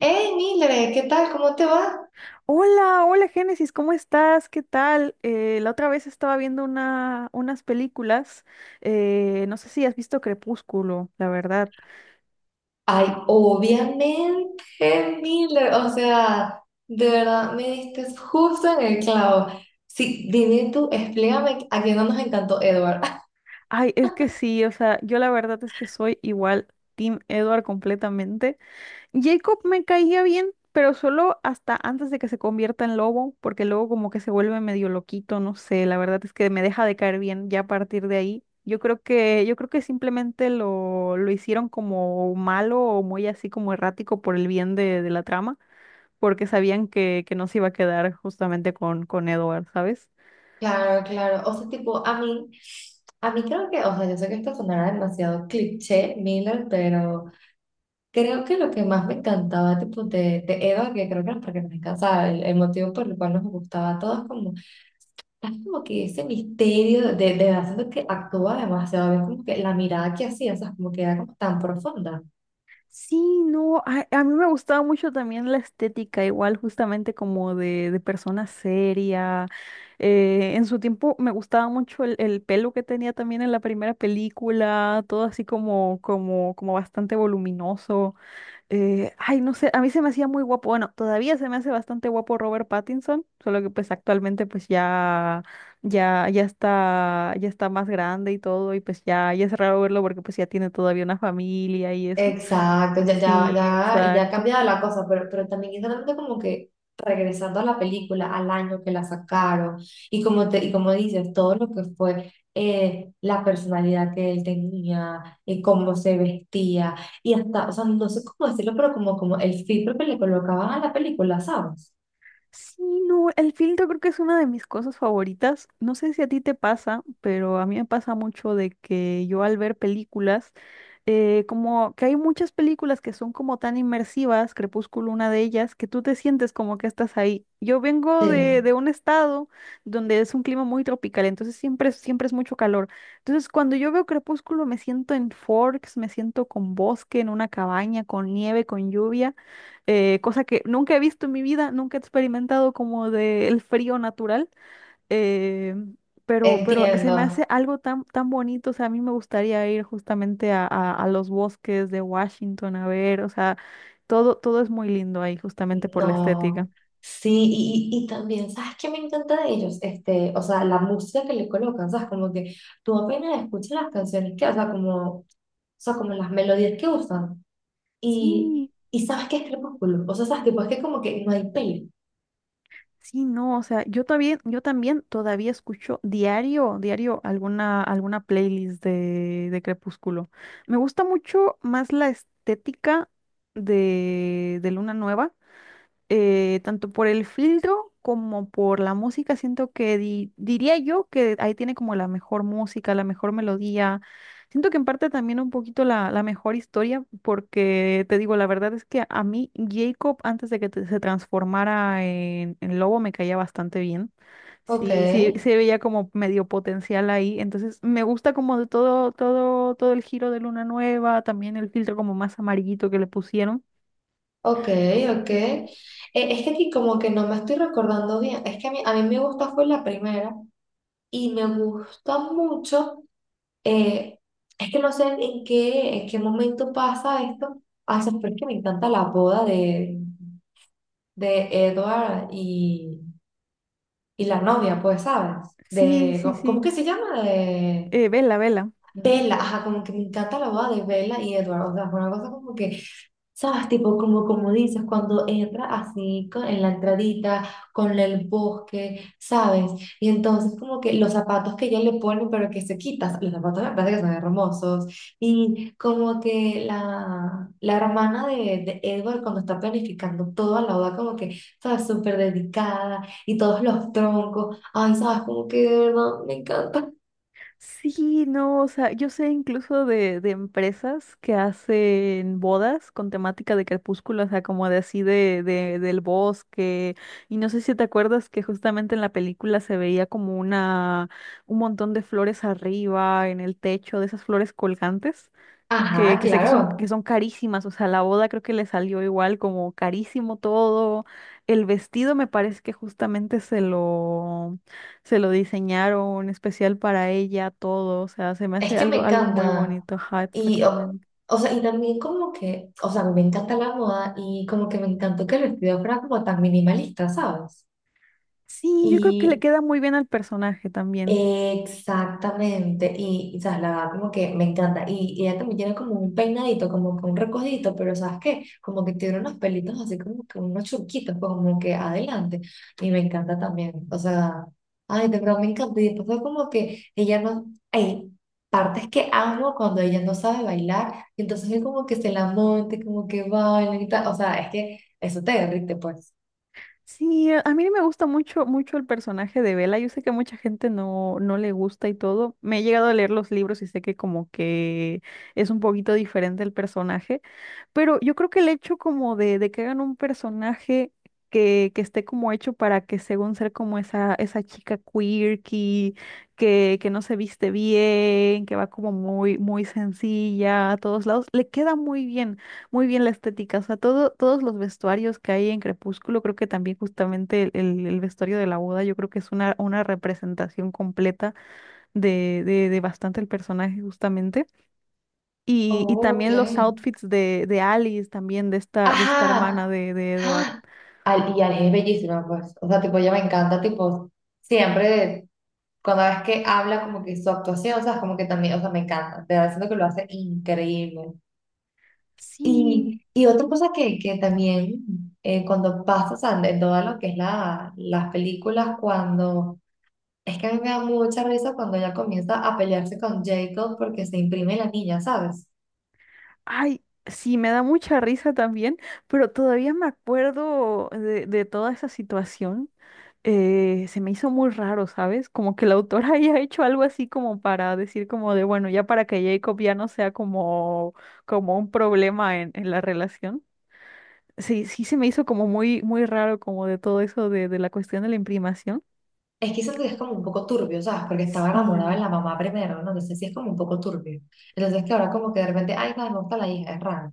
Hey, Mile, ¿qué tal? ¿Cómo te va? Hola, hola Génesis, ¿cómo estás? ¿Qué tal? La otra vez estaba viendo unas películas, no sé si has visto Crepúsculo, la verdad. Ay, obviamente, Mile, o sea, de verdad me diste justo en el clavo. Sí, dime tú, explícame a quién no nos encantó Edward. Ay, es que sí, o sea, yo la verdad es que soy igual Team Edward completamente. Jacob me caía bien, pero solo hasta antes de que se convierta en lobo, porque luego como que se vuelve medio loquito, no sé, la verdad es que me deja de caer bien ya a partir de ahí. Yo creo que simplemente lo hicieron como malo o muy así como errático por el bien de la trama, porque sabían que no se iba a quedar justamente con Edward, ¿sabes? Claro, claro, o sea, tipo, a mí creo que, o sea, yo sé que esto sonará demasiado cliché, Miller, pero creo que lo que más me encantaba, tipo, de Edward, que creo que era porque nos encantaba, el motivo por el cual nos gustaba a todos, como. Es como que ese misterio de haciendo que actúa demasiado bien, como que la mirada que hacía, o sea, como que era como tan profunda. Sí, no, a mí me gustaba mucho también la estética, igual justamente como de persona seria. En su tiempo me gustaba mucho el pelo que tenía también en la primera película, todo así como bastante voluminoso. No sé, a mí se me hacía muy guapo. Bueno, todavía se me hace bastante guapo Robert Pattinson, solo que pues actualmente pues ya está más grande y todo, y pues ya es raro verlo porque pues ya tiene todavía una familia y eso. Exacto, ya, ya, Sí, ya, y ya ha exacto. cambiado la cosa, pero también exactamente como que regresando a la película, al año que la sacaron, y como te, y como dices, todo lo que fue la personalidad que él tenía, y cómo se vestía, y hasta, o sea, no sé cómo decirlo, pero como, como el filtro que le colocaban a la película, ¿sabes? Sí, no, el filtro creo que es una de mis cosas favoritas. No sé si a ti te pasa, pero a mí me pasa mucho de que yo al ver películas, como que hay muchas películas que son como tan inmersivas, Crepúsculo una de ellas, que tú te sientes como que estás ahí. Yo vengo de Sí, un estado donde es un clima muy tropical, entonces siempre, siempre es mucho calor. Entonces cuando yo veo Crepúsculo me siento en Forks, me siento con bosque, en una cabaña, con nieve, con lluvia. Cosa que nunca he visto en mi vida, nunca he experimentado como del frío natural, eh, pero se me hace entiendo. algo tan, tan bonito, o sea, a mí me gustaría ir justamente a, a los bosques de Washington a ver, o sea, todo, todo es muy lindo ahí justamente por la estética. No, sí, y, y también, ¿sabes qué me encanta de ellos? Este, o sea, la música que le colocan, ¿sabes? Como que tú apenas escuchas las canciones que, o sea, como las melodías que usan, y, Sí. y sabes que es Crepúsculo, o sea, sabes, tipo, es que como que no hay peli. Sí, no, o sea, yo también todavía escucho diario, diario alguna, alguna playlist de Crepúsculo. Me gusta mucho más la estética de Luna Nueva, tanto por el filtro como por la música, siento que diría yo que ahí tiene como la mejor música, la mejor melodía. Siento que en parte también un poquito la mejor historia, porque te digo, la verdad es que a mí Jacob, antes de que se transformara en lobo, me caía bastante bien. Ok, Sí, sí, se veía como medio potencial ahí. Entonces, me gusta como de todo, todo el giro de Luna Nueva, también el filtro como más amarillito que le pusieron. ok, ok. Es que aquí como que no me estoy recordando bien, es que a mí me gusta fue la primera, y me gusta mucho. Eh, es que no sé en qué momento pasa esto. Ah, ¿sabes por qué me encanta la boda de Edward y la novia, pues, ¿sabes? Sí, De, sí, ¿cómo cómo sí. que se llama? De Vela, vela. Bella. Ajá, como que me encanta la boda de Bella y Edward. O sea, fue una cosa como que. ¿Sabes? Tipo, como, como dices, cuando entra así en la entradita, con el bosque, ¿sabes? Y entonces como que los zapatos que ya le ponen, pero que se quitas, los zapatos me parece que son hermosos. Y como que la hermana de Edward cuando está planificando todo a la boda, como que, ¿sabes? Súper dedicada y todos los troncos. Ay, ¿sabes? Como que de verdad me encanta. Sí, no, o sea, yo sé incluso de empresas que hacen bodas con temática de crepúsculo, o sea, como de así de, del bosque. Y no sé si te acuerdas que justamente en la película se veía como una, un montón de flores arriba, en el techo, de esas flores colgantes, Ajá, que sé que claro. son carísimas, o sea, la boda creo que le salió igual, como carísimo todo. El vestido me parece que justamente se lo, se lo diseñaron especial para ella, todo, o sea, se me hace Es que me algo, algo muy encanta. bonito, ajá, Y, exactamente. o sea, y también como que, o sea, me encanta la moda y como que me encantó que el vestido fuera como tan minimalista, ¿sabes? Sí, yo creo que le Y queda muy bien al personaje también. exactamente, y, sabes, la verdad como que me encanta, y ella también tiene como un peinadito, como que un recogidito, pero ¿sabes qué? Como que tiene unos pelitos así como que unos churquitos, pues, como que adelante, y me encanta también, o sea, ay, de verdad me encanta, y después fue como que ella no, hay partes que amo cuando ella no sabe bailar, y entonces es como que se la monte, como que baila y tal, o sea, es que eso te derrite, pues. Sí, a mí me gusta mucho, mucho el personaje de Bella. Yo sé que a mucha gente no, no le gusta y todo. Me he llegado a leer los libros y sé que como que es un poquito diferente el personaje, pero yo creo que el hecho como de que hagan un personaje que esté como hecho para que según ser como esa chica quirky, que no se viste bien, que va como muy, muy sencilla a todos lados, le queda muy bien, muy bien la estética, o sea, todo, todos los vestuarios que hay en Crepúsculo, creo que también justamente el vestuario de la boda, yo creo que es una representación completa de bastante el personaje justamente. Y Oh, también los ok. outfits de Alice, también de esta hermana Ajá, de Edward. ¡ah! Al, y Ali es bellísima, pues. O sea, tipo, ella me encanta, tipo, siempre, cuando ves que habla, como que su actuación, o sea, es como que también, o sea, me encanta. Te da siento que lo hace increíble. Sí, Y otra cosa que también, cuando pasa, o sea, en todo lo que es la, las películas, cuando, es que a mí me da mucha risa cuando ella comienza a pelearse con Jacob porque se imprime la niña, ¿sabes? ay, sí, me da mucha risa también, pero todavía me acuerdo de toda esa situación. Se me hizo muy raro, ¿sabes? Como que la autora haya hecho algo así como para decir como de, bueno, ya para que Jacob ya no sea como, como un problema en la relación. Sí, sí se me hizo como muy, muy raro como de todo eso de la cuestión de la imprimación. Es que siento que es como un poco turbio, ¿sabes? Porque estaba enamorada de Sí. la mamá primero, ¿no? Entonces sí es como un poco turbio. Entonces que ahora como que de repente, ay, no, me gusta la hija, es raro.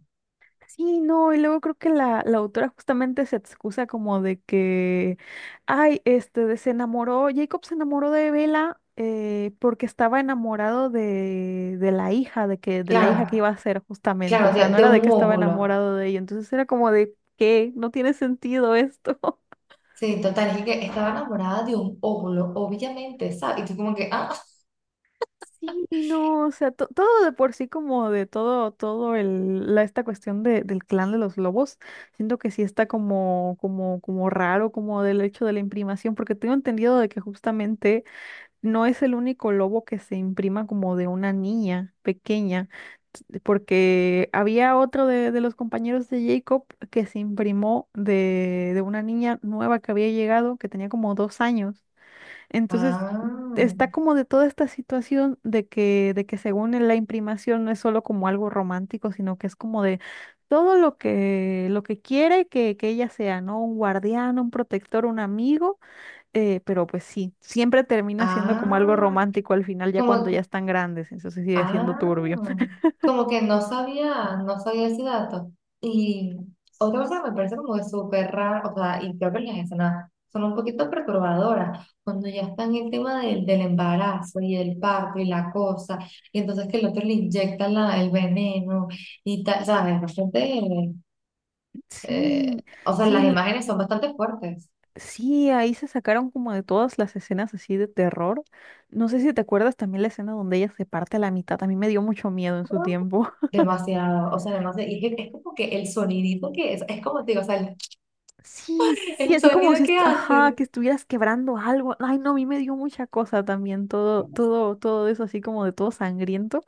Sí, no, y luego creo que la autora justamente se excusa como de que, ay, este, se enamoró, Jacob se enamoró de Bella, porque estaba enamorado de la hija, de que, de la Claro, hija que iba a ser justamente, o claro, sea, no de era un de que estaba óvulo. enamorado de ella, entonces era como de, ¿qué? No tiene sentido esto. Sí, total, es que estaba enamorada de un óvulo, obviamente, ¿sabes? Y tú como que, ah, Sí, no, o sea, todo de por sí como de todo, todo el, la, esta cuestión del clan de los lobos, siento que sí está como, como, como raro, como del hecho de la imprimación, porque tengo entendido de que justamente no es el único lobo que se imprima como de una niña pequeña, porque había otro de los compañeros de Jacob que se imprimó de una niña nueva que había llegado, que tenía como 2 años. Entonces, ah, está como de toda esta situación de que según en la imprimación no es solo como algo romántico, sino que es como de todo lo que quiere que ella sea, ¿no? Un guardián, un protector, un amigo, pero pues sí, siempre termina siendo como algo ah. romántico al final, ya cuando ya Como, están grandes, entonces sigue siendo ah, turbio. como que no sabía, no sabía ese dato. Y otra cosa que me parece como que súper raro, o sea, y creo que las escenas son un poquito perturbadoras, cuando ya están en el tema del, del embarazo y el parto y la cosa, y entonces que el otro le inyecta la, el veneno y tal, ¿sabes? Bastante, eh, Sí, o sea, las sí, imágenes son bastante fuertes. sí, ahí se sacaron como de todas las escenas así de terror. No sé si te acuerdas también la escena donde ella se parte a la mitad. A mí me dio mucho miedo en su tiempo. Demasiado, o sea, demasiado, y es como que el sonidito que es como te digo, o sea, Sí, sí, sí, el así como si, sonido que ajá, que hace. estuvieras quebrando algo. Ay, no, a mí me dio mucha cosa también, todo, todo eso así como de todo sangriento.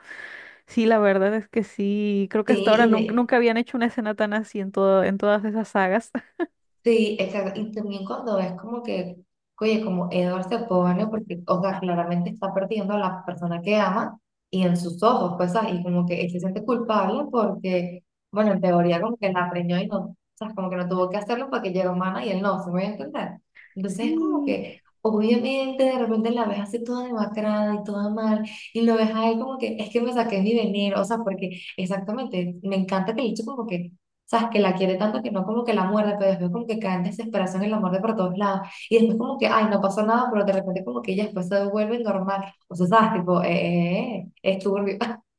Sí, la verdad es que sí, creo que hasta Sí, ahora y de, nunca habían hecho una escena tan así en todo, en todas esas sagas. sí, exacto. Y también cuando es como que, oye, como Edward se pone, porque, o sea, claramente está perdiendo a la persona que ama y en sus ojos, pues, ah, y como que él se siente culpable porque, bueno, en teoría como que la preñó y no, o sea, como que no tuvo que hacerlo porque ella era humana y él no, ¿se me voy a entender? Entonces es como Sí. que, obviamente, de repente la ves así toda demacrada y toda mal y lo ves a él como que, es que me saqué mi venir, o sea, porque exactamente, me encanta que el hecho como que. ¿Sabes? Que la quiere tanto que no como que la muerde, pero después como que cae en desesperación y la muerde por todos lados. Y después como que, ay, no pasó nada, pero de repente como que ella después se devuelve normal. O sea, ¿sabes? Tipo, es turbio.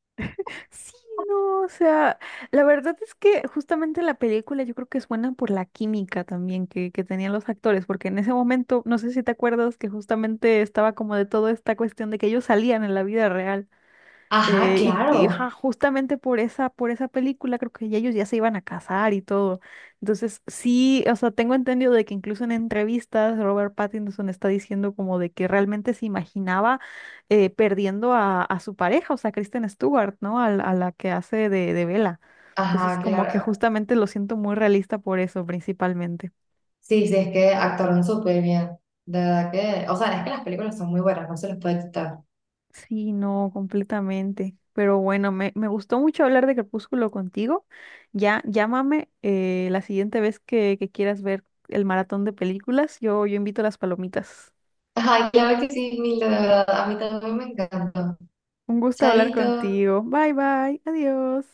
Sí, no, o sea, la verdad es que justamente la película yo creo que es buena por la química también que tenían los actores, porque en ese momento, no sé si te acuerdas que justamente estaba como de toda esta cuestión de que ellos salían en la vida real. Ajá, claro. Ajá, justamente por esa película creo que ya ellos ya se iban a casar y todo. Entonces, sí, o sea, tengo entendido de que incluso en entrevistas Robert Pattinson está diciendo como de que realmente se imaginaba, perdiendo a su pareja, o sea, Kristen Stewart, ¿no? A la que hace de Bella. Entonces, Ajá, como que claro. justamente lo siento muy realista por eso, principalmente. Sí, sí, es que actuaron súper bien. De verdad que, o sea, es que las películas son muy buenas, no se les puede quitar. Sí, no, completamente. Pero bueno, me gustó mucho hablar de Crepúsculo contigo. Ya, llámame, la siguiente vez que quieras ver el maratón de películas. Yo invito las palomitas. Ay, claro que sí, Mil, de verdad, a mí también me encantó. Un gusto hablar Chaito. contigo. Bye, bye. Adiós.